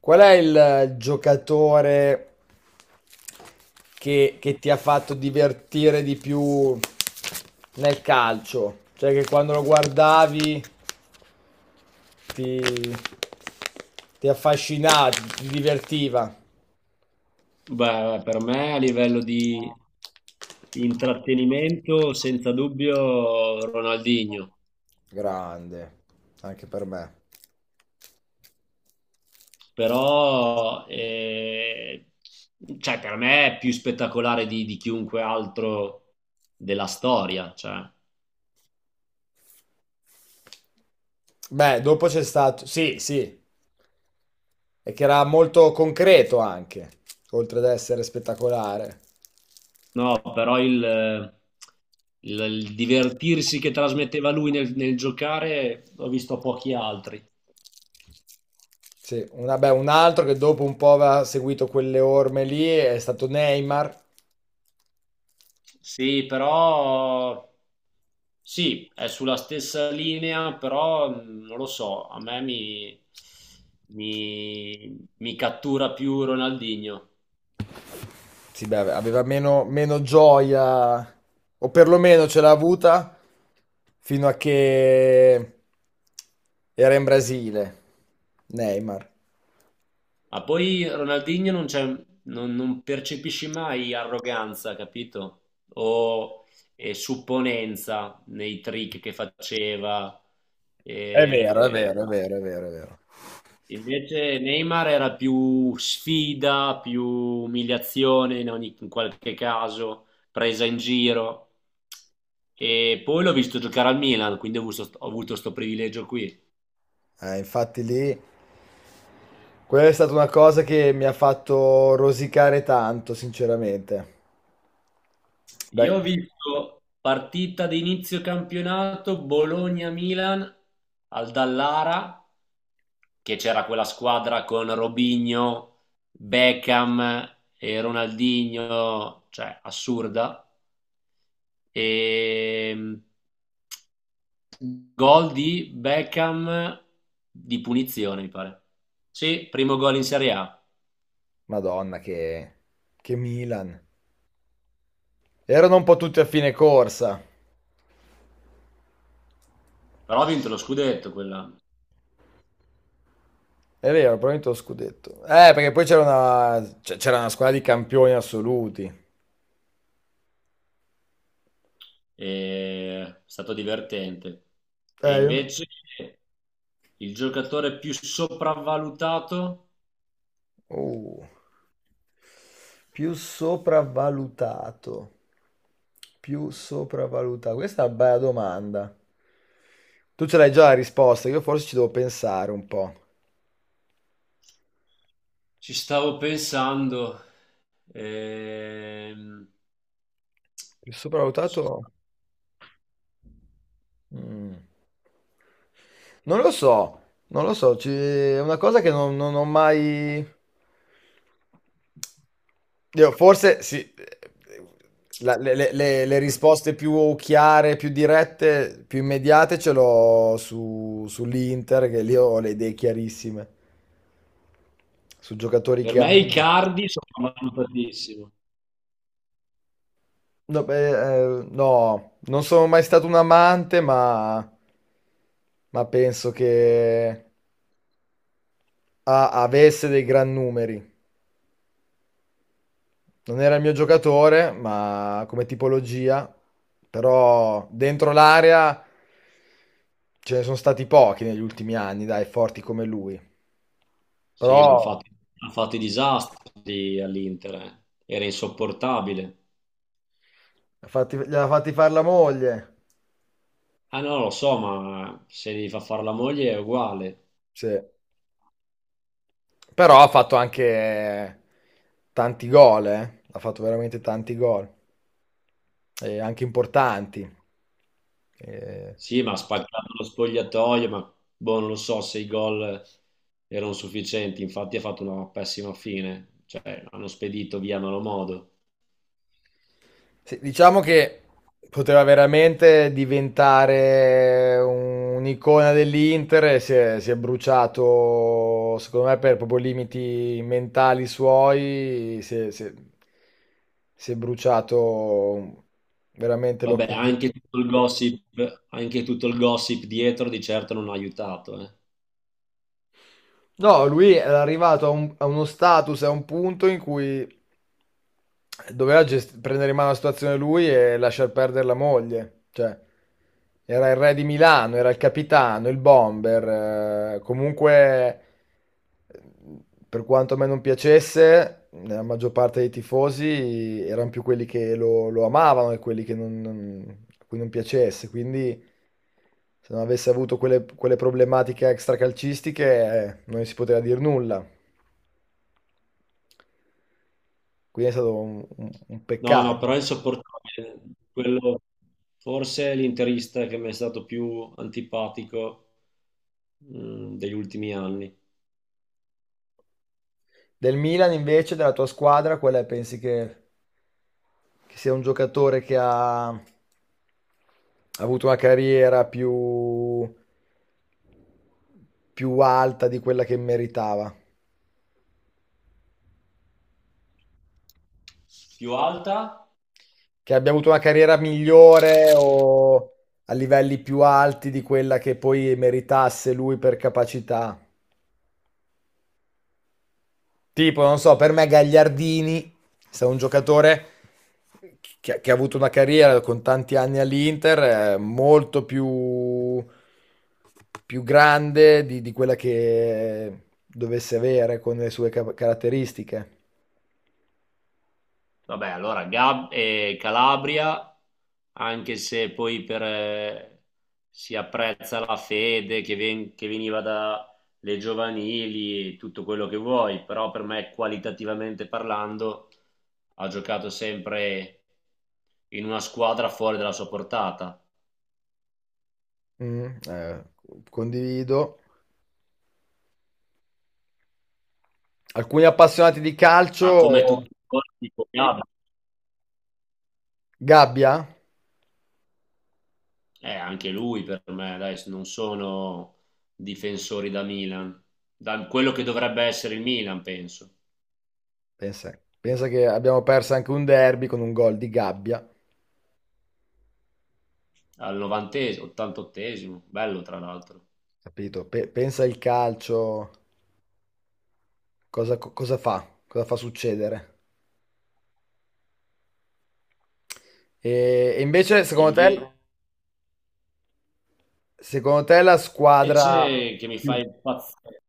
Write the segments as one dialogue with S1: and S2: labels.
S1: Qual è il giocatore che ti ha fatto divertire di più nel calcio? Cioè, che quando lo guardavi ti, ti affascinava, ti divertiva.
S2: Beh, per me a livello di intrattenimento, senza dubbio Ronaldinho,
S1: Grande, anche per me.
S2: però per me è più spettacolare di chiunque altro della storia. Cioè.
S1: Beh, dopo c'è stato... Sì, sì, e che era molto concreto anche, oltre ad essere spettacolare.
S2: No, però il divertirsi che trasmetteva lui nel giocare l'ho visto a pochi altri.
S1: Sì, beh, un altro che dopo un po' aveva seguito quelle orme lì è stato Neymar.
S2: Sì, però sì, è sulla stessa linea, però non lo so, a me mi, mi- mi cattura più Ronaldinho.
S1: Sì, beh, aveva meno, meno gioia, o perlomeno ce l'ha avuta fino a che era in Brasile. Neymar.
S2: Ma poi Ronaldinho non c'è, non percepisci mai arroganza, capito? O supponenza nei trick che faceva.
S1: È vero, è
S2: eh,
S1: vero, è vero, è vero, è vero.
S2: Invece Neymar era più sfida, più umiliazione in qualche caso, presa in giro. E poi l'ho visto giocare al Milan, quindi ho avuto sto privilegio qui.
S1: Infatti lì, quella è stata una cosa che mi ha fatto rosicare tanto, sinceramente. Dai,
S2: Io ho visto partita di inizio campionato Bologna-Milan al Dallara, che c'era quella squadra con Robinho, Beckham e Ronaldinho, cioè assurda. Ehm, Gol di Beckham di punizione, mi pare. Sì, primo gol in Serie A.
S1: Madonna, che Milan. Erano un po' tutti a fine corsa.
S2: Però ha vinto lo scudetto quell'anno.
S1: È vero, probabilmente lo scudetto. Perché poi c'era c'era una squadra di campioni assoluti.
S2: È stato divertente. E
S1: Eh, io-
S2: invece il giocatore più sopravvalutato,
S1: oh. Più sopravvalutato. Più sopravvalutato. Questa è una bella domanda. Tu ce l'hai già la risposta, io forse ci devo pensare un po'.
S2: ci stavo pensando. Ehm,
S1: Più
S2: so-
S1: sopravvalutato? Mm. Non lo so, non lo so, è una cosa che non ho mai... Io forse sì, le risposte più chiare, più dirette, più immediate ce l'ho su, sull'Inter, che lì ho le idee chiarissime, su giocatori
S2: per
S1: che
S2: me
S1: hanno.
S2: Icardi sopravvalutatissimo.
S1: No, beh, no, non sono mai stato un amante, ma penso che... Ah, avesse dei gran numeri. Non era il mio giocatore, ma come tipologia, però dentro l'area ce ne sono stati pochi negli ultimi anni, dai, forti come lui. Però
S2: Sì, ha fatto i disastri all'Inter, eh. Era insopportabile.
S1: li ha fatti fare la moglie.
S2: Ah no, lo so, ma se gli fa fare la moglie è uguale.
S1: Sì. Però ha fatto anche tanti gol, eh. Ha fatto veramente tanti gol, e anche importanti. Eh,
S2: Sì, ma ha spaccato lo spogliatoio, ma boh, non lo so se i gol erano sufficienti, infatti ha fatto una pessima fine, cioè hanno spedito via a malo modo.
S1: Sì, diciamo che poteva veramente diventare un'icona dell'Inter e si è bruciato, secondo me, per proprio limiti mentali suoi, si è bruciato veramente
S2: Vabbè,
S1: l'occasione.
S2: anche tutto il gossip dietro di certo non ha aiutato, eh.
S1: No, lui era arrivato a uno status, a un punto in cui prendere in mano la situazione lui e lasciar perdere la moglie. Cioè, era il re di Milano, era il capitano, il bomber. Comunque, eh, per quanto a me non piacesse, la maggior parte dei tifosi erano più quelli che lo amavano e quelli che a cui non piacesse. Quindi se non avesse avuto quelle problematiche extracalcistiche, non si poteva dire nulla. Quindi è stato un
S2: No, no,
S1: peccato.
S2: però è insopportabile. Quello, forse è l'interista che mi è stato più antipatico mm, degli ultimi anni.
S1: Del Milan, invece, della tua squadra, qual è? Pensi che sia un giocatore che ha avuto una carriera più, più alta di quella che meritava?
S2: Più alta?
S1: Che abbia avuto una carriera migliore o a livelli più alti di quella che poi meritasse lui per capacità? Tipo, non so, per me Gagliardini è stato un giocatore che ha avuto una carriera con tanti anni all'Inter, molto più, più grande di quella che dovesse avere con le sue caratteristiche.
S2: Vabbè, Calabria, anche se poi per, si apprezza la fede che veniva dalle giovanili, tutto quello che vuoi, però per me qualitativamente parlando ha giocato sempre in una squadra fuori dalla sua portata.
S1: Mm, condivido. Alcuni appassionati di
S2: Ma come
S1: calcio,
S2: tutti i colpi, Koyaba,
S1: Gabbia,
S2: anche lui per me, dai, non sono difensori da Milan, da quello che dovrebbe essere il Milan, penso,
S1: pensa, pensa che abbiamo perso anche un derby con un gol di Gabbia,
S2: al 90esimo, 88esimo, bello tra l'altro.
S1: capito? Pensa il calcio. Cosa fa? Cosa fa succedere? E invece,
S2: Invece
S1: secondo te la squadra
S2: che mi fa
S1: più...
S2: impazzire,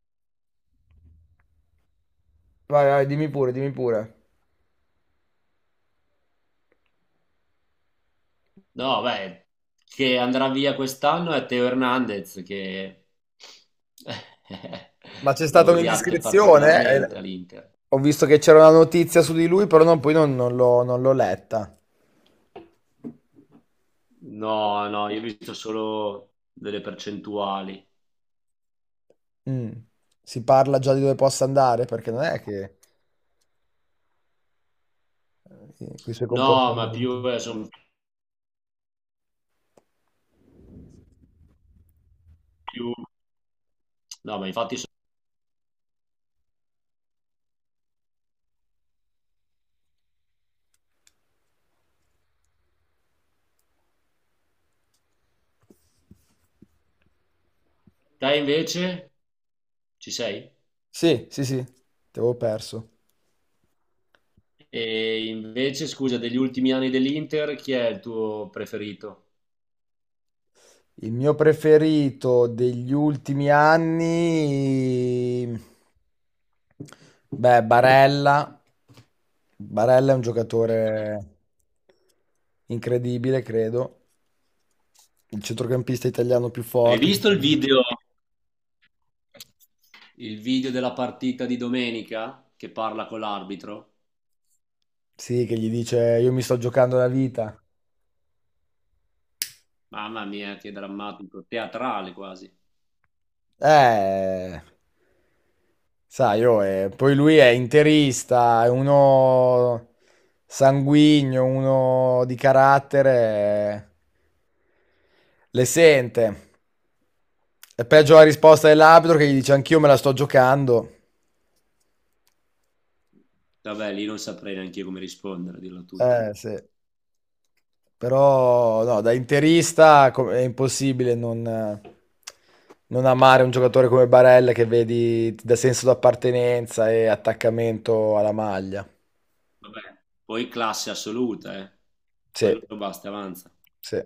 S1: Vai, vai, dimmi pure, dimmi pure.
S2: no, beh, che andrà via quest'anno è Teo Hernandez, che
S1: Ma c'è
S2: lo
S1: stata
S2: odiate
S1: un'indiscrezione?
S2: particolarmente all'Inter.
S1: Ho visto che c'era una notizia su di lui, però poi non l'ho, non l'ho letta.
S2: No, no, io ho visto solo delle percentuali.
S1: Mm. Si parla già di dove possa andare, perché non è che... con i suoi
S2: No, ma
S1: comportamenti.
S2: più, sono più... No, ma infatti sono... Te invece? Ci sei?
S1: Sì, sì, sì, ti avevo perso.
S2: E invece, scusa, degli ultimi anni dell'Inter, chi è il tuo preferito?
S1: Il mio preferito degli ultimi anni, beh, Barella. Barella è un giocatore incredibile, credo. Il centrocampista italiano più
S2: Hai
S1: forte.
S2: visto il video della partita di domenica che parla con l'arbitro?
S1: Sì, che gli dice io mi sto giocando la vita.
S2: Mamma mia, che drammatico, teatrale quasi.
S1: Eh. Sai, oh, poi lui è interista, è uno sanguigno, uno di carattere, eh, le sente. È peggio la risposta dell'arbitro che gli dice anch'io me la sto giocando.
S2: Vabbè, lì non saprei neanche io come rispondere, a dirla tutta.
S1: Sì. Però no, da è impossibile non amare un giocatore come Barella che vedi ti dà senso d'appartenenza e attaccamento alla maglia.
S2: Vabbè, poi classe assoluta, eh.
S1: Sì,
S2: Quello basta, avanza.
S1: sì.